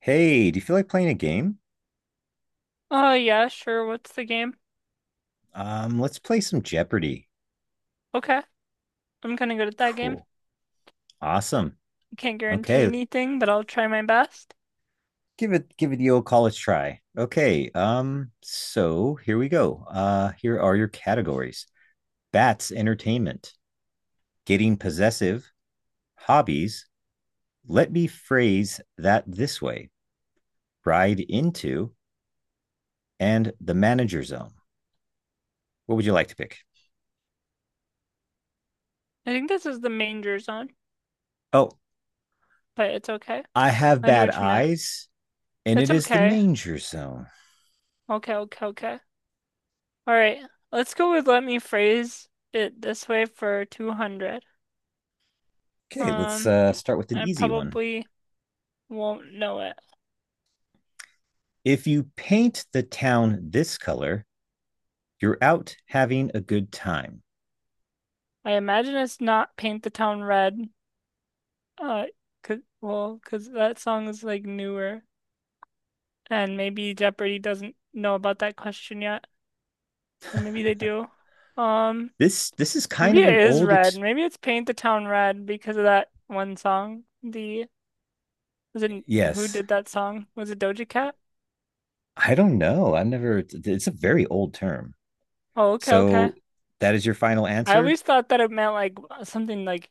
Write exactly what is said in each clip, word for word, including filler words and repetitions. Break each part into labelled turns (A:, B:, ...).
A: Hey, do you feel like playing a game?
B: Oh, yeah, sure. What's the game?
A: Um, let's play some Jeopardy.
B: Okay, I'm kind of good at that game.
A: Cool. Awesome.
B: I can't guarantee
A: Okay,
B: anything, but I'll try my best.
A: give it give it the old college try. Okay, um, so here we go. Uh, here are your categories. Bats entertainment, getting possessive, hobbies, let me phrase that this way, ride into, and the manager zone. What would you like to pick?
B: I think this is the manger zone,
A: Oh,
B: but it's okay.
A: I have
B: I knew
A: bad
B: what you meant.
A: eyes, and it
B: It's
A: is the
B: okay.
A: manger zone.
B: Okay, okay, okay. All right, let's go with let me phrase it this way for two hundred.
A: Okay, let's
B: Um,
A: uh start with an
B: I
A: easy one.
B: probably won't know it.
A: If you paint the town this color, you're out having a good time.
B: I imagine it's not Paint the Town Red. Uh, Uh, 'Cause, well, 'cause that song is like newer, and maybe Jeopardy doesn't know about that question yet. Uh, Maybe they do. Um,
A: This this is kind
B: Maybe
A: of an
B: it is
A: old
B: red.
A: ex-
B: Maybe it's Paint the Town Red because of that one song. The was it who
A: yes.
B: did that song? Was it Doja Cat?
A: I don't know. I've never It's a very old term.
B: Oh, okay, okay.
A: So that is your final
B: I
A: answer?
B: always thought that it meant like something like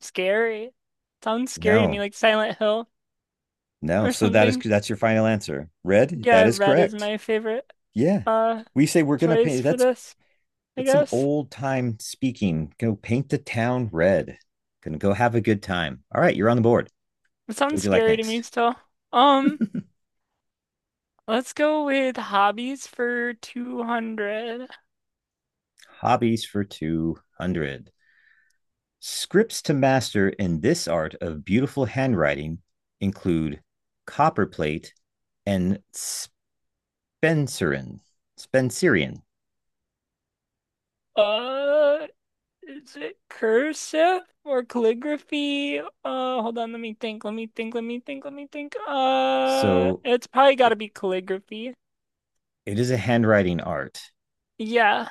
B: scary. Sounds scary to me,
A: No.
B: like Silent Hill
A: No.
B: or
A: So that is
B: something.
A: that's your final answer. Red,
B: Yeah,
A: that is
B: red is
A: correct.
B: my favorite
A: Yeah.
B: uh
A: We say we're gonna
B: choice
A: paint
B: for
A: that's
B: this, I
A: that's some
B: guess.
A: old time speaking. Go paint the town red. Gonna go have a good time. All right, you're on the board.
B: It
A: What
B: sounds
A: would you like
B: scary to me
A: next?
B: still. Um, let's go with hobbies for two hundred.
A: Hobbies for two hundred. Scripts to master in this art of beautiful handwriting include copperplate and Spencerian. Spencerian.
B: Uh, Is it cursive or calligraphy? Uh, hold on, let me think, let me think, let me think, let me think. Uh,
A: So
B: it's probably gotta
A: it,
B: be calligraphy.
A: it is a handwriting art.
B: Yeah,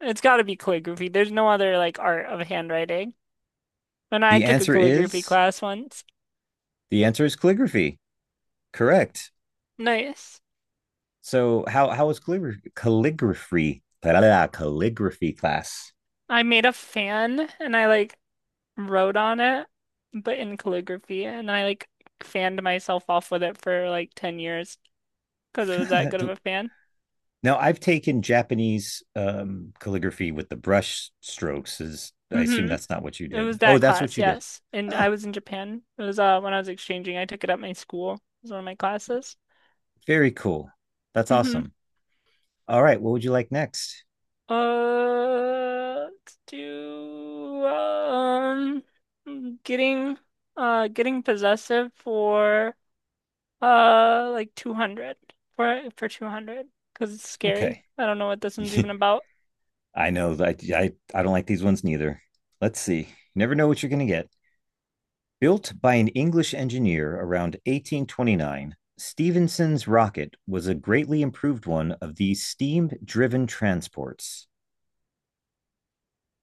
B: it's gotta be calligraphy. There's no other like art of handwriting. And I
A: The
B: took a
A: answer
B: calligraphy
A: is
B: class once.
A: the answer is calligraphy. Correct.
B: Nice.
A: So how how was calligraphy calligraphy blah, blah, blah, calligraphy class?
B: I made a fan and I like wrote on it, but in calligraphy, and I like fanned myself off with it for like ten years because it was that good of
A: Do-
B: a fan.
A: Now, I've taken Japanese um, calligraphy with the brush strokes. Is I assume
B: Hmm.
A: that's not what you
B: It was
A: did. Oh,
B: that
A: that's what
B: class,
A: you did.
B: yes. And
A: Oh,
B: I was in Japan. It was uh when I was exchanging. I took it at my school. It was one of my classes.
A: very cool. That's
B: Mm-hmm.
A: awesome. All right, what would you like next?
B: Uh, let's do um getting uh getting possessive for uh like two hundred for for two hundred, because it's scary.
A: Okay,
B: I don't know what this one's even about.
A: I know that I I don't like these ones neither. Let's see. You never know what you're going to get. Built by an English engineer around eighteen twenty-nine, Stevenson's rocket was a greatly improved one of these steam driven transports.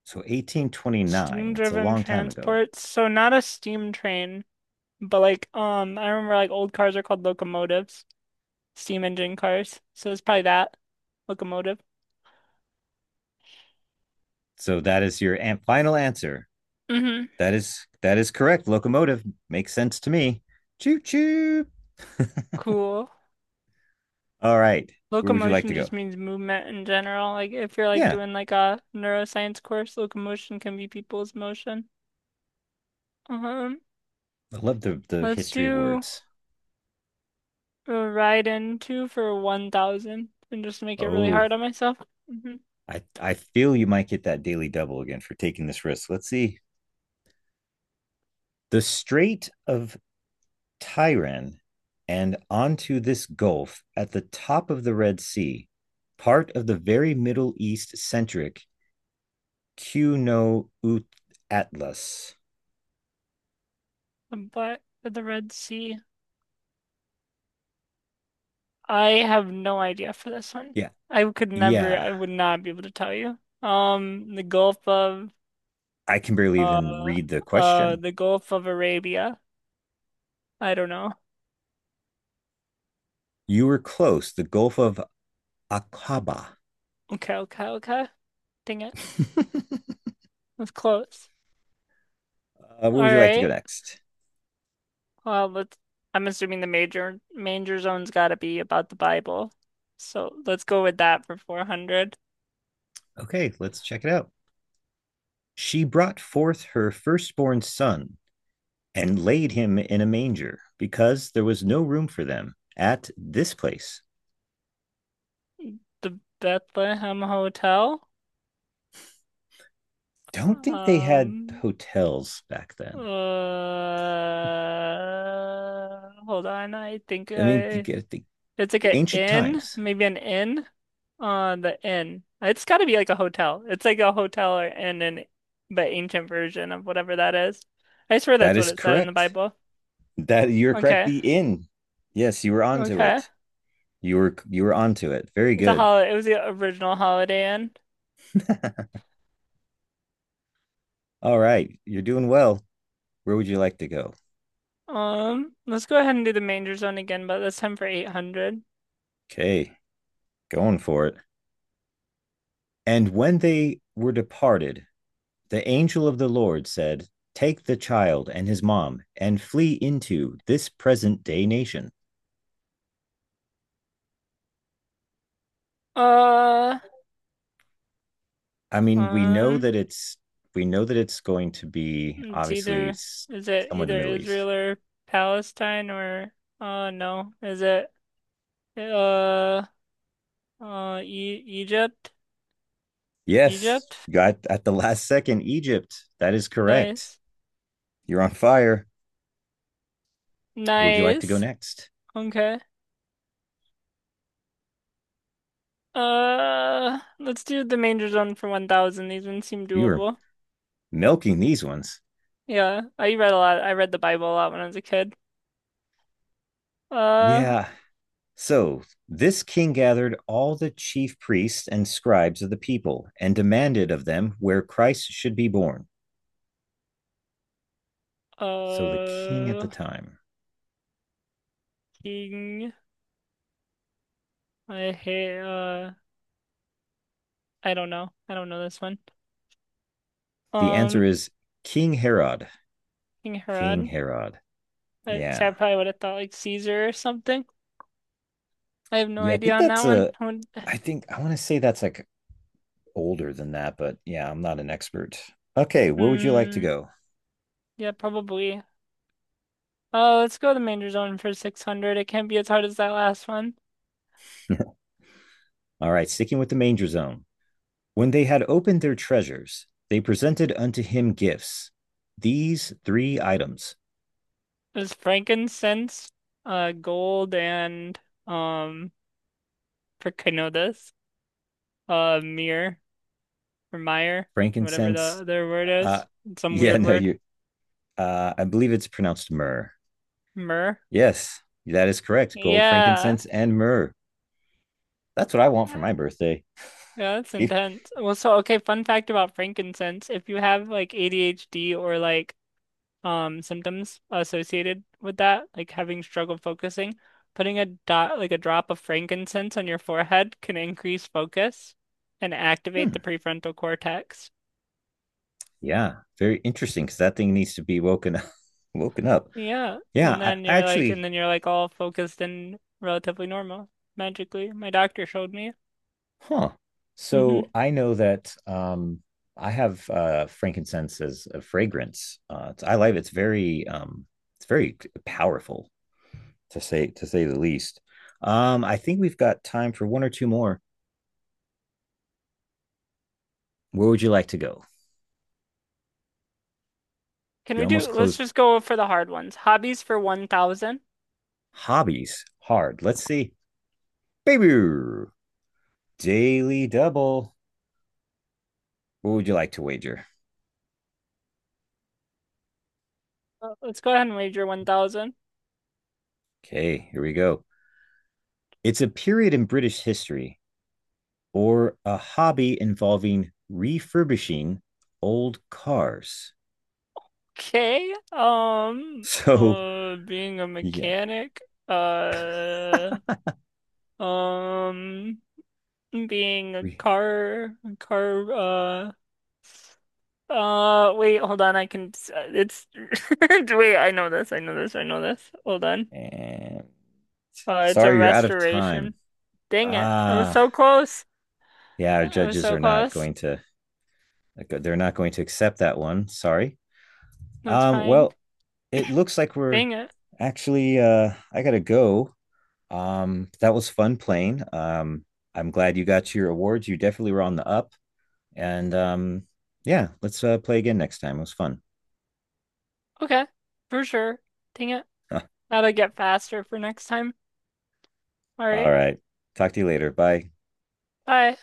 A: So eighteen twenty-nine, that's a
B: Steam-driven
A: long time ago.
B: transports. So not a steam train, but like um I remember like old cars are called locomotives, steam engine cars. So it's probably that, locomotive.
A: So that is your an- final answer.
B: Hmm.
A: That is that is correct. Locomotive makes sense to me. Choo choo.
B: Cool.
A: All right. Where would you like to
B: Locomotion
A: go?
B: just means movement in general. Like if you're like
A: Yeah,
B: doing like a neuroscience course, locomotion can be people's motion. Um,
A: I love the the
B: let's
A: history of
B: do
A: words.
B: a ride into for one thousand and just make it really
A: Oh,
B: hard on myself. Hmm.
A: I I feel you might get that daily double again for taking this risk. Let's see. The Strait of Tyran and onto this gulf at the top of the Red Sea, part of the very Middle East centric Q no Ut Atlas.
B: But for the Red Sea, I have no idea for this one.
A: Yeah.
B: I could never,
A: Yeah.
B: I would not be able to tell you. Um, the Gulf of
A: I can barely even
B: Uh,
A: read the
B: uh,
A: question.
B: the Gulf of Arabia. I don't know.
A: You were close. The Gulf of Aqaba.
B: Okay, okay, okay. Dang it.
A: uh,
B: That's close.
A: where would
B: All
A: you like to go
B: right.
A: next?
B: Well, let's. I'm assuming the major major zone's got to be about the Bible. So let's go with that for four hundred.
A: Okay, let's check it out. She brought forth her firstborn son and laid him in a manger because there was no room for them at this place.
B: The Bethlehem Hotel.
A: Don't think they had
B: Um,
A: hotels back then.
B: uh, Hold on. I think
A: I mean, you
B: I
A: get the
B: It's like an
A: ancient
B: inn,
A: times.
B: maybe an inn on the inn. It's got to be like a hotel. It's like a hotel or inn in the ancient version of whatever that is. I swear
A: That
B: that's what
A: is
B: it said in the
A: correct.
B: Bible.
A: That You're correct.
B: Okay.
A: The inn. Yes, you were onto
B: Okay.
A: it. You were you were onto it. Very
B: It's a
A: good.
B: holiday. It was the original Holiday Inn.
A: All right, you're doing well. Where would you like to go?
B: Um, let's go ahead and do the manger zone again, but this time for eight hundred.
A: Okay, going for it. And when they were departed, the angel of the Lord said, Take the child and his mom and flee into this present day nation.
B: Uh,
A: I mean, we know
B: um,
A: that it's we know that it's going to be
B: it's
A: obviously
B: either, is it
A: somewhere in the
B: either
A: Middle East.
B: Israel or Palestine or uh no, is it uh Uh, E Egypt,
A: Yes,
B: Egypt.
A: got at the last second Egypt. That is correct.
B: Nice,
A: You're on fire. Where would you like to go
B: nice.
A: next?
B: Okay. Uh, let's do the manger zone for one thousand. These ones seem
A: You were
B: doable.
A: milking these ones.
B: Yeah, I read a lot. I read the Bible a lot when I was a kid. Uh,
A: Yeah, so this king gathered all the chief priests and scribes of the people and demanded of them where Christ should be born. So the king at the
B: uh,
A: time.
B: King. I hate. Uh, I don't know. I don't know this one.
A: The answer
B: Um,
A: is King Herod.
B: King
A: King
B: Herod.
A: Herod.
B: I, see, I
A: Yeah.
B: probably would have thought like Caesar or something. I have no
A: Yeah, I
B: idea
A: think
B: on that
A: that's
B: one.
A: a
B: I would,
A: I think I want to say that's like older than that, but yeah, I'm not an expert. Okay, where would you like to
B: hmm.
A: go?
B: Yeah, probably. Uh, let's go to Manger Zone for six hundred. It can't be as hard as that last one.
A: All right, sticking with the manger zone. When they had opened their treasures, they presented unto him gifts, these three items
B: It was frankincense, uh, gold, and um, for Kenodas, uh, mir or mire, whatever the
A: frankincense.
B: other word
A: Uh, uh,
B: is, some
A: yeah,
B: weird
A: no,
B: word,
A: you. Uh, I believe it's pronounced myrrh.
B: myrrh.
A: Yes, that is correct. Gold,
B: Yeah,
A: frankincense, and myrrh. That's what I want for my birthday.
B: yeah, that's
A: You-
B: intense. Well, so okay, fun fact about frankincense: if you have like A D H D or like um symptoms associated with that, like having struggle focusing. Putting a dot like a drop of frankincense on your forehead can increase focus and activate
A: hmm,
B: the prefrontal cortex.
A: yeah, very interesting because that thing needs to be woken up. Woken up.
B: Yeah,
A: Yeah,
B: and
A: I,
B: then
A: I
B: you're like and
A: actually,
B: then you're like all focused and relatively normal magically. My doctor showed me.
A: huh.
B: Hmm.
A: So I know that um, I have uh, frankincense as a fragrance. Uh, it's, I like it. It's Very um, it's very powerful. to say to say the least. Um, I think we've got time for one or two more. Where would you like to go?
B: Can
A: You
B: we
A: almost
B: do Let's
A: closed
B: just go for the hard ones. Hobbies for one thousand.
A: hobbies hard. Let's see. Baby Daily Double. What would you like to wager?
B: Uh, Let's go ahead and wager one thousand.
A: Okay, here we go. It's a period in British history or a hobby involving refurbishing old cars.
B: Okay. Um
A: So,
B: uh being a
A: yeah.
B: mechanic. Uh Um, being a car, car, uh, uh, wait, hold on. I can, it's, wait, I know this. I know this. I know this. Hold on.
A: And
B: Uh, it's a
A: sorry, you're out of
B: restoration.
A: time.
B: Dang it. I was
A: Ah,
B: so close.
A: yeah, our
B: I was
A: judges
B: so
A: are not
B: close.
A: going to like, they're not going to accept that one. Sorry.
B: That's
A: Um,
B: fine.
A: well, it looks like we're
B: Dang it.
A: actually uh I gotta go. Um, that was fun playing. Um, I'm glad you got your awards. You definitely were on the up. And um, yeah, let's uh, play again next time. It was fun.
B: Okay. For sure. Dang it.
A: All
B: That'll get faster for next time. All right.
A: right. Talk to you later. Bye.
B: Bye.